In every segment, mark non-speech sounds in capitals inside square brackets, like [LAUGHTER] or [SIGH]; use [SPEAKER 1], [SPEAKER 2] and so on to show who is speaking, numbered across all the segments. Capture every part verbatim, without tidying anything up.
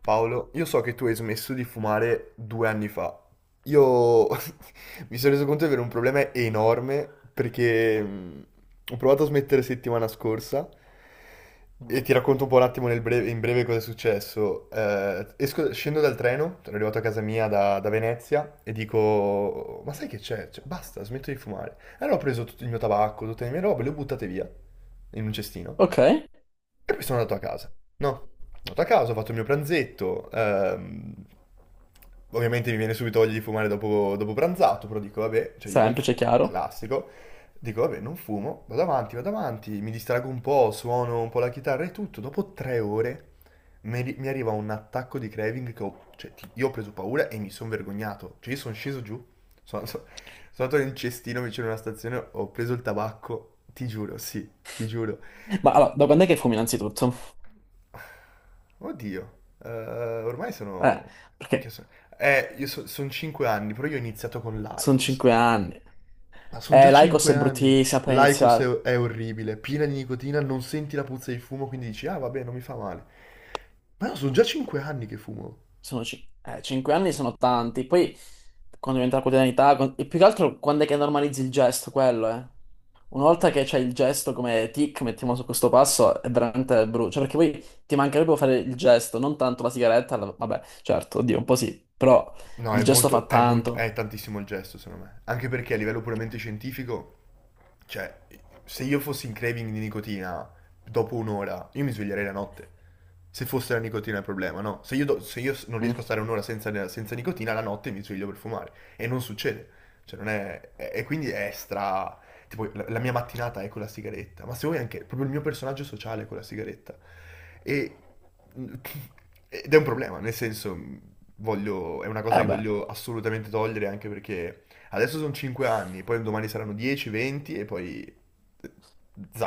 [SPEAKER 1] Paolo, io so che tu hai smesso di fumare due anni fa. Io [LAUGHS] mi sono reso conto di avere un problema enorme perché mh, ho provato a smettere settimana scorsa e
[SPEAKER 2] Mm.
[SPEAKER 1] ti racconto un po' un attimo nel breve- in breve cosa è successo. Eh, esco- scendo dal treno, sono arrivato a casa mia da, da Venezia e dico, ma sai che c'è? Cioè, basta, smetto di fumare. E allora ho preso tutto il mio tabacco, tutte le mie robe, le ho buttate via in un cestino
[SPEAKER 2] Ok,
[SPEAKER 1] e poi sono andato a casa, no? Sono andato a casa, ho fatto il mio pranzetto. Ehm, ovviamente mi viene subito voglia di fumare dopo, dopo pranzato, però dico, vabbè, cioè io non
[SPEAKER 2] semplice,
[SPEAKER 1] fumo, è
[SPEAKER 2] chiaro.
[SPEAKER 1] classico. Dico, vabbè, non fumo, vado avanti, vado avanti, mi distrago un po', suono un po' la chitarra e tutto. Dopo tre ore mi, arri- mi arriva un attacco di craving che ho, cioè, ti- io ho preso paura e mi sono vergognato. Cioè, io sono sceso giù, sono, sono sono andato in un cestino vicino a una stazione, ho preso il tabacco, ti giuro, sì, ti giuro.
[SPEAKER 2] Ma allora, da quando è che fumi innanzitutto?
[SPEAKER 1] Oddio, eh, ormai
[SPEAKER 2] Eh,
[SPEAKER 1] sono. Minchia,
[SPEAKER 2] perché
[SPEAKER 1] sono- Eh, io sono cinque anni, però io ho iniziato con
[SPEAKER 2] sono
[SPEAKER 1] l'Aicos.
[SPEAKER 2] cinque anni.
[SPEAKER 1] Ma sono
[SPEAKER 2] Eh,
[SPEAKER 1] già
[SPEAKER 2] l'Aicos
[SPEAKER 1] cinque
[SPEAKER 2] è
[SPEAKER 1] anni.
[SPEAKER 2] bruttissima per
[SPEAKER 1] L'Aicos è,
[SPEAKER 2] iniziare.
[SPEAKER 1] è orribile, piena di nicotina, non senti la puzza di fumo, quindi dici, ah vabbè, non mi fa male. Ma no, sono già cinque anni che fumo.
[SPEAKER 2] Sono cin- eh, cinque anni sono tanti. Poi, quando diventa la quotidianità, con- e più che altro quando è che normalizzi il gesto, quello, eh. Una volta che c'è il gesto come tic, mettiamo su questo passo, è veramente brutto. Cioè, perché poi ti mancherebbe fare il gesto, non tanto la sigaretta. la- Vabbè, certo, oddio, un po' sì, però
[SPEAKER 1] No,
[SPEAKER 2] il
[SPEAKER 1] è
[SPEAKER 2] gesto fa
[SPEAKER 1] molto, è molto,
[SPEAKER 2] tanto.
[SPEAKER 1] è tantissimo il gesto, secondo me. Anche perché a livello puramente scientifico, cioè, se io fossi in craving di nicotina dopo un'ora, io mi sveglierei la notte. Se fosse la nicotina il problema, no? Se io, do- se io s- non
[SPEAKER 2] Mm.
[SPEAKER 1] riesco a stare un'ora senza, senza nicotina, la notte mi sveglio per fumare. E non succede. Cioè, non è. E e quindi è stra. Tipo, la, la mia mattinata è con la sigaretta. Ma se vuoi anche. Proprio il mio personaggio sociale è con la sigaretta. E, [LAUGHS] ed è un problema, nel senso, voglio, è una
[SPEAKER 2] E
[SPEAKER 1] cosa che
[SPEAKER 2] vabbè.
[SPEAKER 1] voglio assolutamente togliere anche perché adesso sono cinque anni, poi domani saranno dieci, venti e poi.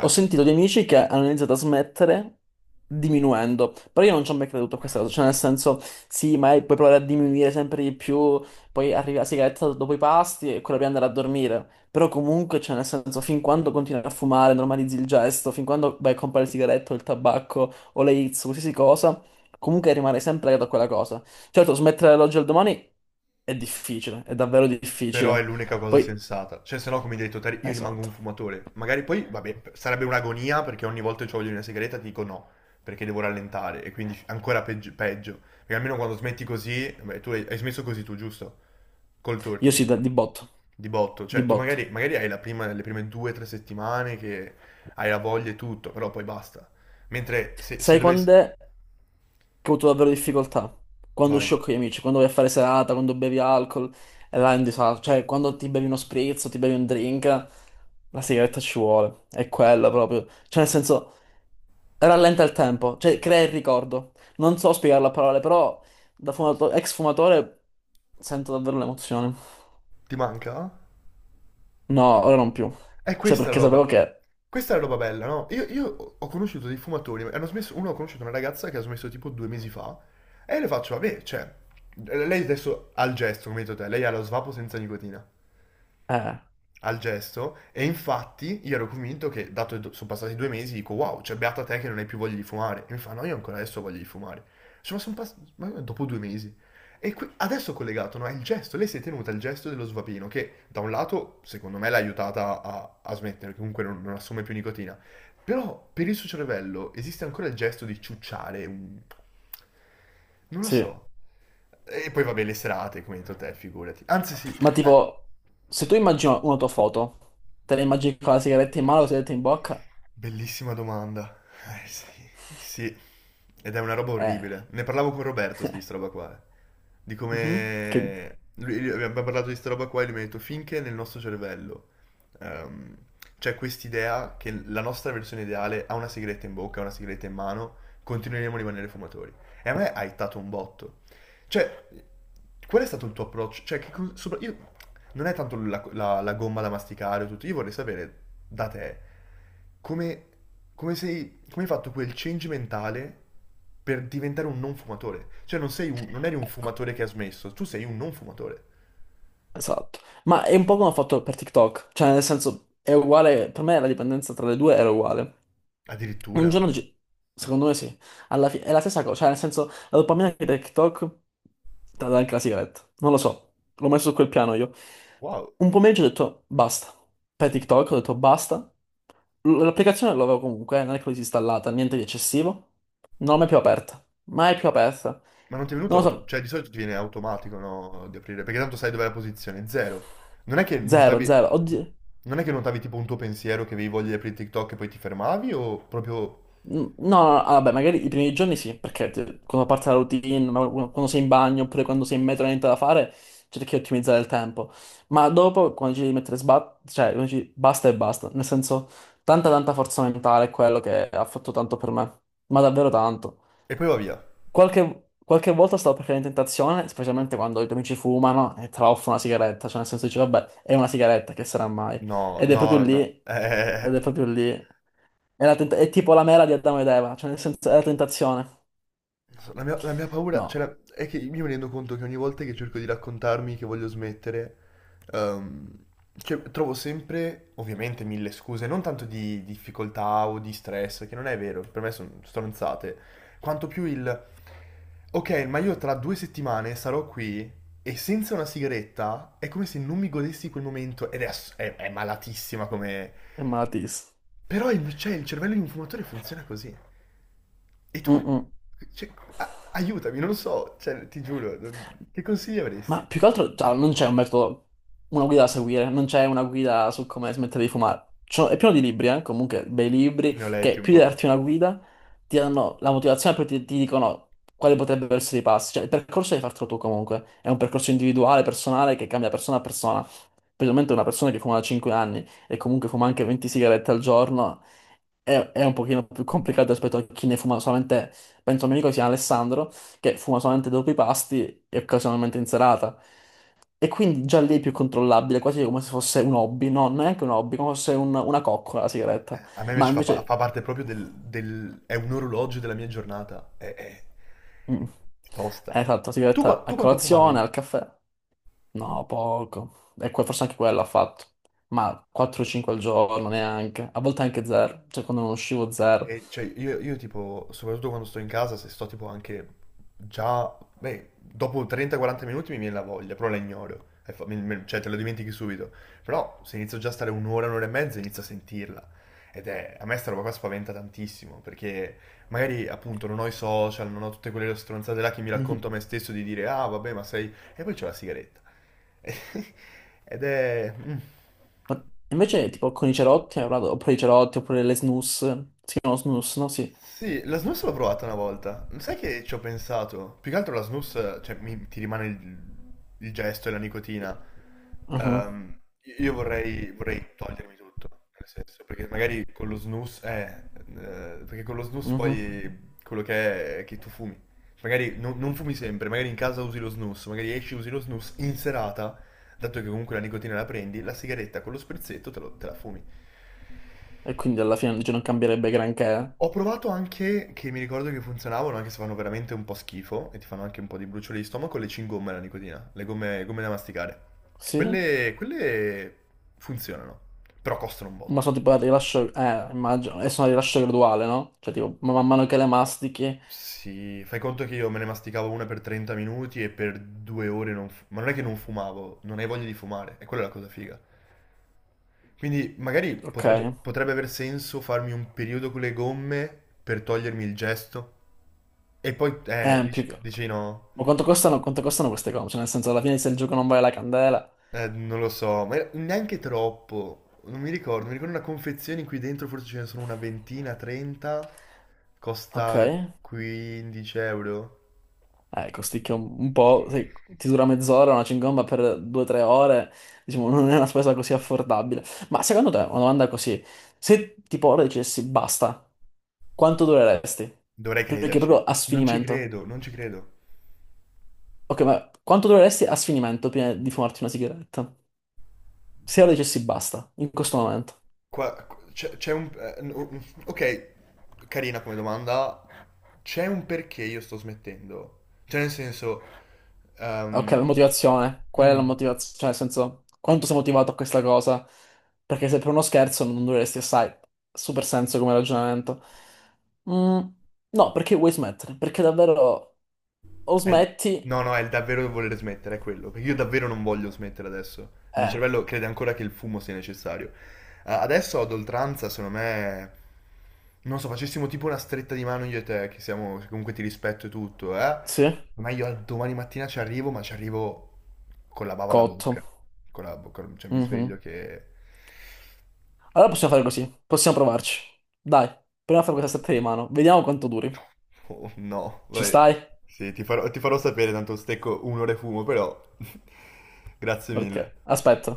[SPEAKER 2] Ho sentito di amici che hanno iniziato a smettere diminuendo, però io non ci ho mai creduto a questa cosa, cioè nel senso, sì, ma puoi provare a diminuire sempre di più, poi arriva la sigaretta dopo i pasti e quella di andare a dormire, però comunque, cioè nel senso, fin quando continui a fumare, normalizzi il gesto, fin quando vai a comprare il sigaretto, il tabacco o le hits, qualsiasi cosa, comunque rimane sempre legato a quella cosa. Certo, smettere dall'oggi al domani è difficile, è davvero
[SPEAKER 1] Però è
[SPEAKER 2] difficile.
[SPEAKER 1] l'unica cosa
[SPEAKER 2] Poi,
[SPEAKER 1] sensata. Cioè, se no, come hai detto, te, io rimango un
[SPEAKER 2] esatto,
[SPEAKER 1] fumatore. Magari poi, vabbè, sarebbe un'agonia perché ogni volta che voglio una sigaretta ti dico no, perché devo rallentare e quindi ancora peggio. peggio. Perché almeno quando smetti così, beh, tu hai, hai smesso così tu, giusto? Col
[SPEAKER 2] io
[SPEAKER 1] turkey.
[SPEAKER 2] sì, da- di botto,
[SPEAKER 1] Di botto,
[SPEAKER 2] di
[SPEAKER 1] cioè tu magari,
[SPEAKER 2] botto.
[SPEAKER 1] magari hai la prima, le prime due o tre settimane che hai la voglia e tutto, però poi basta. Mentre se, se
[SPEAKER 2] Sai
[SPEAKER 1] dovessi.
[SPEAKER 2] quando è che ho avuto davvero difficoltà? Quando
[SPEAKER 1] Vai,
[SPEAKER 2] uscivo con gli amici, quando vai a fare serata, quando bevi alcol, e là è un disastro. Cioè, quando ti bevi uno spritz, o ti bevi un drink, la sigaretta ci vuole. È quella proprio. Cioè, nel senso, rallenta il tempo, cioè, crea il ricordo. Non so spiegarlo a parole, però da fumato- ex fumatore sento davvero l'emozione.
[SPEAKER 1] ti manca?
[SPEAKER 2] No, ora non più.
[SPEAKER 1] È
[SPEAKER 2] Cioè,
[SPEAKER 1] questa la
[SPEAKER 2] perché
[SPEAKER 1] roba.
[SPEAKER 2] sapevo che.
[SPEAKER 1] Questa è la roba bella, no? Io, io ho conosciuto dei fumatori, hanno smesso, uno ha conosciuto una ragazza che ha smesso tipo due mesi fa, e io le faccio, vabbè, cioè, lei adesso ha il gesto, come hai detto te, lei ha lo svapo senza nicotina.
[SPEAKER 2] Eh,
[SPEAKER 1] Al gesto e infatti io ero convinto che, dato che sono passati due mesi, dico wow, cioè beata te che non hai più voglia di fumare. E mi fa no, io ancora adesso ho voglia di fumare. Cioè, ma sono passati dopo due mesi. E qui, adesso collegato, no, è il gesto, lei si è tenuta il gesto dello svapino che da un lato secondo me l'ha aiutata a, a smettere, che comunque non, non assume più nicotina, però per il suo cervello esiste ancora il gesto di ciucciare, un- non lo
[SPEAKER 2] sì.
[SPEAKER 1] so. E poi vabbè le serate, come hai detto te, figurati. Anzi sì,
[SPEAKER 2] Ma
[SPEAKER 1] eh,
[SPEAKER 2] tipo, se tu immagini una tua foto, te la immagini con la sigaretta in mano, la sigaretta in bocca,
[SPEAKER 1] bellissima domanda. Eh sì, sì. Ed è una roba
[SPEAKER 2] eh,
[SPEAKER 1] orribile. Ne parlavo con Roberto di sta roba qua. eh. Di
[SPEAKER 2] mhm, che-
[SPEAKER 1] come. Lui, lui- abbiamo parlato di sta roba qua e lui mi ha detto finché nel nostro cervello ehm, c'è quest'idea che la nostra versione ideale ha una sigaretta in bocca, ha una sigaretta in mano, continueremo a rimanere fumatori. E a me ha ittato un botto. Cioè, qual è stato il tuo approccio? Cioè, che cos- sopra- io- non è tanto la, la- la gomma da masticare o tutto, io vorrei sapere da te come, come sei, come hai fatto quel change mentale per diventare un non fumatore. Cioè, non sei un- non eri un
[SPEAKER 2] ecco,
[SPEAKER 1] fumatore che ha smesso, tu sei un non fumatore.
[SPEAKER 2] esatto. Ma è un po' come ho fatto per TikTok, cioè nel senso, è uguale, per me la dipendenza tra le due era uguale. Un
[SPEAKER 1] Addirittura.
[SPEAKER 2] giorno, ci- secondo me sì, alla fine è la stessa cosa, cioè nel senso, la dopamina che dai TikTok te la dà anche la sigaretta, non lo so, l'ho messo su quel piano io.
[SPEAKER 1] Wow.
[SPEAKER 2] Un pomeriggio ho detto basta, per TikTok ho detto basta, L- L'applicazione l'avevo comunque, eh, non è che l'ho disinstallata, niente di eccessivo. Non l'ho mai più aperta. Mai più aperta.
[SPEAKER 1] Ma non ti è venuto
[SPEAKER 2] Non lo
[SPEAKER 1] auto.
[SPEAKER 2] so.
[SPEAKER 1] Cioè, di solito ti viene automatico, no, di aprire, perché tanto sai dov'è la posizione, zero. Non è che
[SPEAKER 2] Zero,
[SPEAKER 1] notavi.
[SPEAKER 2] zero. Oddio.
[SPEAKER 1] Non è che notavi tipo un tuo pensiero che avevi voglia di aprire TikTok e poi ti fermavi o proprio.
[SPEAKER 2] N- No, no, no, ah, vabbè, magari i primi giorni sì, perché ti- quando parte la routine, ma qu- quando sei in bagno oppure quando sei in metro e non hai niente da fare, cerchi di ottimizzare il tempo. Ma dopo, quando ci devi mettere sba- cioè, quando ci- basta e basta. Nel senso, tanta tanta forza mentale è quello che ha fatto tanto per me. Ma davvero tanto.
[SPEAKER 1] E poi va via.
[SPEAKER 2] Qualche, qualche volta stavo per cadere in tentazione, specialmente quando i tuoi amici fumano e tra l'altro una sigaretta, cioè nel senso dici, vabbè, è una sigaretta, che sarà mai?
[SPEAKER 1] No,
[SPEAKER 2] Ed è proprio
[SPEAKER 1] no,
[SPEAKER 2] lì,
[SPEAKER 1] no. [LAUGHS] Eh,
[SPEAKER 2] ed è proprio lì, è, la tenta- è tipo la mela di Adamo ed Eva, cioè nel senso è la tentazione.
[SPEAKER 1] non so, la mia, la mia paura, cioè,
[SPEAKER 2] No,
[SPEAKER 1] la- è che io mi rendo conto che ogni volta che cerco di raccontarmi che voglio smettere, ehm, cioè, trovo sempre, ovviamente, mille scuse, non tanto di difficoltà o di stress, che non è vero, per me sono stronzate, quanto più il, ok, ma io tra due settimane sarò qui e senza una sigaretta è come se non mi godessi quel momento ed è, ass- è- è malatissima come.
[SPEAKER 2] è malatissimo.
[SPEAKER 1] Però il- cioè, il cervello di un fumatore funziona così. E tu, cioè, a- aiutami, non lo so, cioè, ti giuro, non- che consigli
[SPEAKER 2] Ma
[SPEAKER 1] avresti?
[SPEAKER 2] più che altro, cioè, non c'è un metodo, una guida da seguire, non c'è una guida su come smettere di fumare. Cioè, è pieno di libri, eh, comunque, bei libri,
[SPEAKER 1] Ne ho letti
[SPEAKER 2] che
[SPEAKER 1] un
[SPEAKER 2] più di
[SPEAKER 1] po', ma.
[SPEAKER 2] darti una guida, ti danno la motivazione, poi ti, ti dicono quali potrebbero essere i passi. Cioè, il percorso devi fartelo tu comunque. È un percorso individuale, personale, che cambia persona a persona. Specialmente una persona che fuma da cinque anni e comunque fuma anche venti sigarette al giorno, è, è un pochino più complicato rispetto a chi ne fuma solamente, penso a un mio amico che si chiama Alessandro, che fuma solamente dopo i pasti e occasionalmente in serata. E quindi già lì è più controllabile, quasi come se fosse un hobby, no, neanche un hobby, come se fosse un- una coccola la sigaretta.
[SPEAKER 1] A me
[SPEAKER 2] Ma
[SPEAKER 1] invece fa, pa-
[SPEAKER 2] invece...
[SPEAKER 1] fa parte proprio del, del- è un orologio della mia giornata, è, è-
[SPEAKER 2] Mm.
[SPEAKER 1] è
[SPEAKER 2] Eh,
[SPEAKER 1] tosta.
[SPEAKER 2] esatto, la
[SPEAKER 1] Tu, qua-
[SPEAKER 2] sigaretta a
[SPEAKER 1] tu quanto
[SPEAKER 2] colazione,
[SPEAKER 1] fumavi?
[SPEAKER 2] al caffè. No, poco. E que- forse anche quello ha fatto. Ma quattro o cinque al giorno neanche. A volte anche zero. Cioè, quando non uscivo zero.
[SPEAKER 1] E, cioè, io, io, tipo, soprattutto quando sto in casa, se sto tipo anche già, beh, dopo trenta quaranta minuti mi viene la voglia, però la ignoro, E fa- mi- mi- cioè te lo dimentichi subito. Però se inizio già a stare un'ora, un'ora e mezza, inizio a sentirla. Ed è, a me sta roba qua spaventa tantissimo, perché magari appunto non ho i social, non ho tutte quelle stronzate là che mi racconto
[SPEAKER 2] Mhm.
[SPEAKER 1] a me stesso di dire, ah vabbè, ma sei. E poi c'ho la sigaretta. [LAUGHS] Ed è. Mm.
[SPEAKER 2] Ma invece, tipo, con i cerotti, hai parlato- oppure i cerotti, oppure le snus. Si chiamano snus, no? Sì.
[SPEAKER 1] Sì, la snus l'ho provata una volta. Sai che ci ho pensato? Più che altro la snus, cioè, mi- ti rimane il, il, gesto e la nicotina.
[SPEAKER 2] Mhm,
[SPEAKER 1] Ehm, io vorrei, vorrei togliermi tutto, nel senso, perché magari con lo snus, eh, eh, perché con lo snus
[SPEAKER 2] mhm.
[SPEAKER 1] poi quello che è è che tu fumi. Magari non, non fumi sempre, magari in casa usi lo snus, magari esci usi lo snus in serata, dato che comunque la nicotina la prendi, la sigaretta con lo sprizzetto te, lo- te la fumi.
[SPEAKER 2] E quindi alla fine dice non cambierebbe granché.
[SPEAKER 1] Ho provato anche, che mi ricordo che funzionavano, anche se fanno veramente un po' schifo e ti fanno anche un po' di bruciore di stomaco, le cingomme alla nicotina, le gomme, gomme da masticare.
[SPEAKER 2] Sì?
[SPEAKER 1] Quelle, quelle funzionano, però costano un
[SPEAKER 2] Ma
[SPEAKER 1] botto.
[SPEAKER 2] sono tipo a rilascio. Eh, immagino. E sono a rilascio graduale, no? Cioè, tipo, ma man mano che le mastichi.
[SPEAKER 1] Sì, fai conto che io me ne masticavo una per trenta minuti e per due ore. Non... fu- Ma non è che non fumavo, non hai voglia di fumare, e quella è la cosa figa. Quindi magari
[SPEAKER 2] Ok.
[SPEAKER 1] potrebbe, potrebbe aver senso farmi un periodo con le gomme per togliermi il gesto. E poi, eh,
[SPEAKER 2] Eh, più
[SPEAKER 1] dici,
[SPEAKER 2] che.
[SPEAKER 1] dici no.
[SPEAKER 2] Ma quanto costano, quanto costano queste cose? Cioè, nel senso, alla fine se il gioco non vale la candela.
[SPEAKER 1] Eh, non lo so, ma era- neanche troppo. Non mi ricordo, mi ricordo una confezione in cui dentro forse ce ne sono una ventina, trenta.
[SPEAKER 2] Ok.
[SPEAKER 1] Costa quindici euro.
[SPEAKER 2] Eh, costicchia un, un po'. Se ti dura mezz'ora, una cingomba per due o tre ore. Diciamo, non è una spesa così affordabile. Ma secondo te, una domanda così. Se tipo ora dicessi basta, quanto dureresti?
[SPEAKER 1] Dovrei
[SPEAKER 2] Perché
[SPEAKER 1] crederci.
[SPEAKER 2] proprio a
[SPEAKER 1] Non ci
[SPEAKER 2] sfinimento.
[SPEAKER 1] credo, non ci credo.
[SPEAKER 2] Ok, ma quanto dureresti a sfinimento prima di fumarti una sigaretta? Se lo dicessi basta, in questo momento.
[SPEAKER 1] Qua c'è c'è un... eh, no- Ok, carina come domanda. C'è un perché io sto smettendo. Cioè, nel senso...
[SPEAKER 2] Ok, la
[SPEAKER 1] ehm,
[SPEAKER 2] motivazione, qual è la
[SPEAKER 1] mm.
[SPEAKER 2] motivazione? Cioè, nel senso, quanto sei motivato a questa cosa? Perché se per uno scherzo non dureresti assai, super senso come ragionamento. Mm, no, perché vuoi smettere? Perché davvero o
[SPEAKER 1] È il-
[SPEAKER 2] smetti,
[SPEAKER 1] No, no, è il davvero voler smettere, è quello. Perché io davvero non voglio smettere adesso. Il mio
[SPEAKER 2] eh,
[SPEAKER 1] cervello crede ancora che il fumo sia necessario. Eh, adesso ad oltranza, secondo me. Non so, facessimo tipo una stretta di mano io e te, che siamo. Che comunque ti rispetto e tutto, eh?
[SPEAKER 2] sì,
[SPEAKER 1] Ma io al domani mattina ci arrivo, ma ci arrivo con la bava alla
[SPEAKER 2] cotto.
[SPEAKER 1] bocca. Con la bocca. Cioè mi sveglio
[SPEAKER 2] Mhm.
[SPEAKER 1] che.
[SPEAKER 2] Allora possiamo fare così, possiamo provarci. Dai, proviamo a fare questa stretta di mano, vediamo quanto duri.
[SPEAKER 1] Oh no,
[SPEAKER 2] Ci
[SPEAKER 1] vai.
[SPEAKER 2] stai?
[SPEAKER 1] Sì, ti farò, ti farò sapere, tanto stecco un'ora e fumo, però. [LAUGHS] Grazie
[SPEAKER 2] Ok,
[SPEAKER 1] mille.
[SPEAKER 2] aspetto.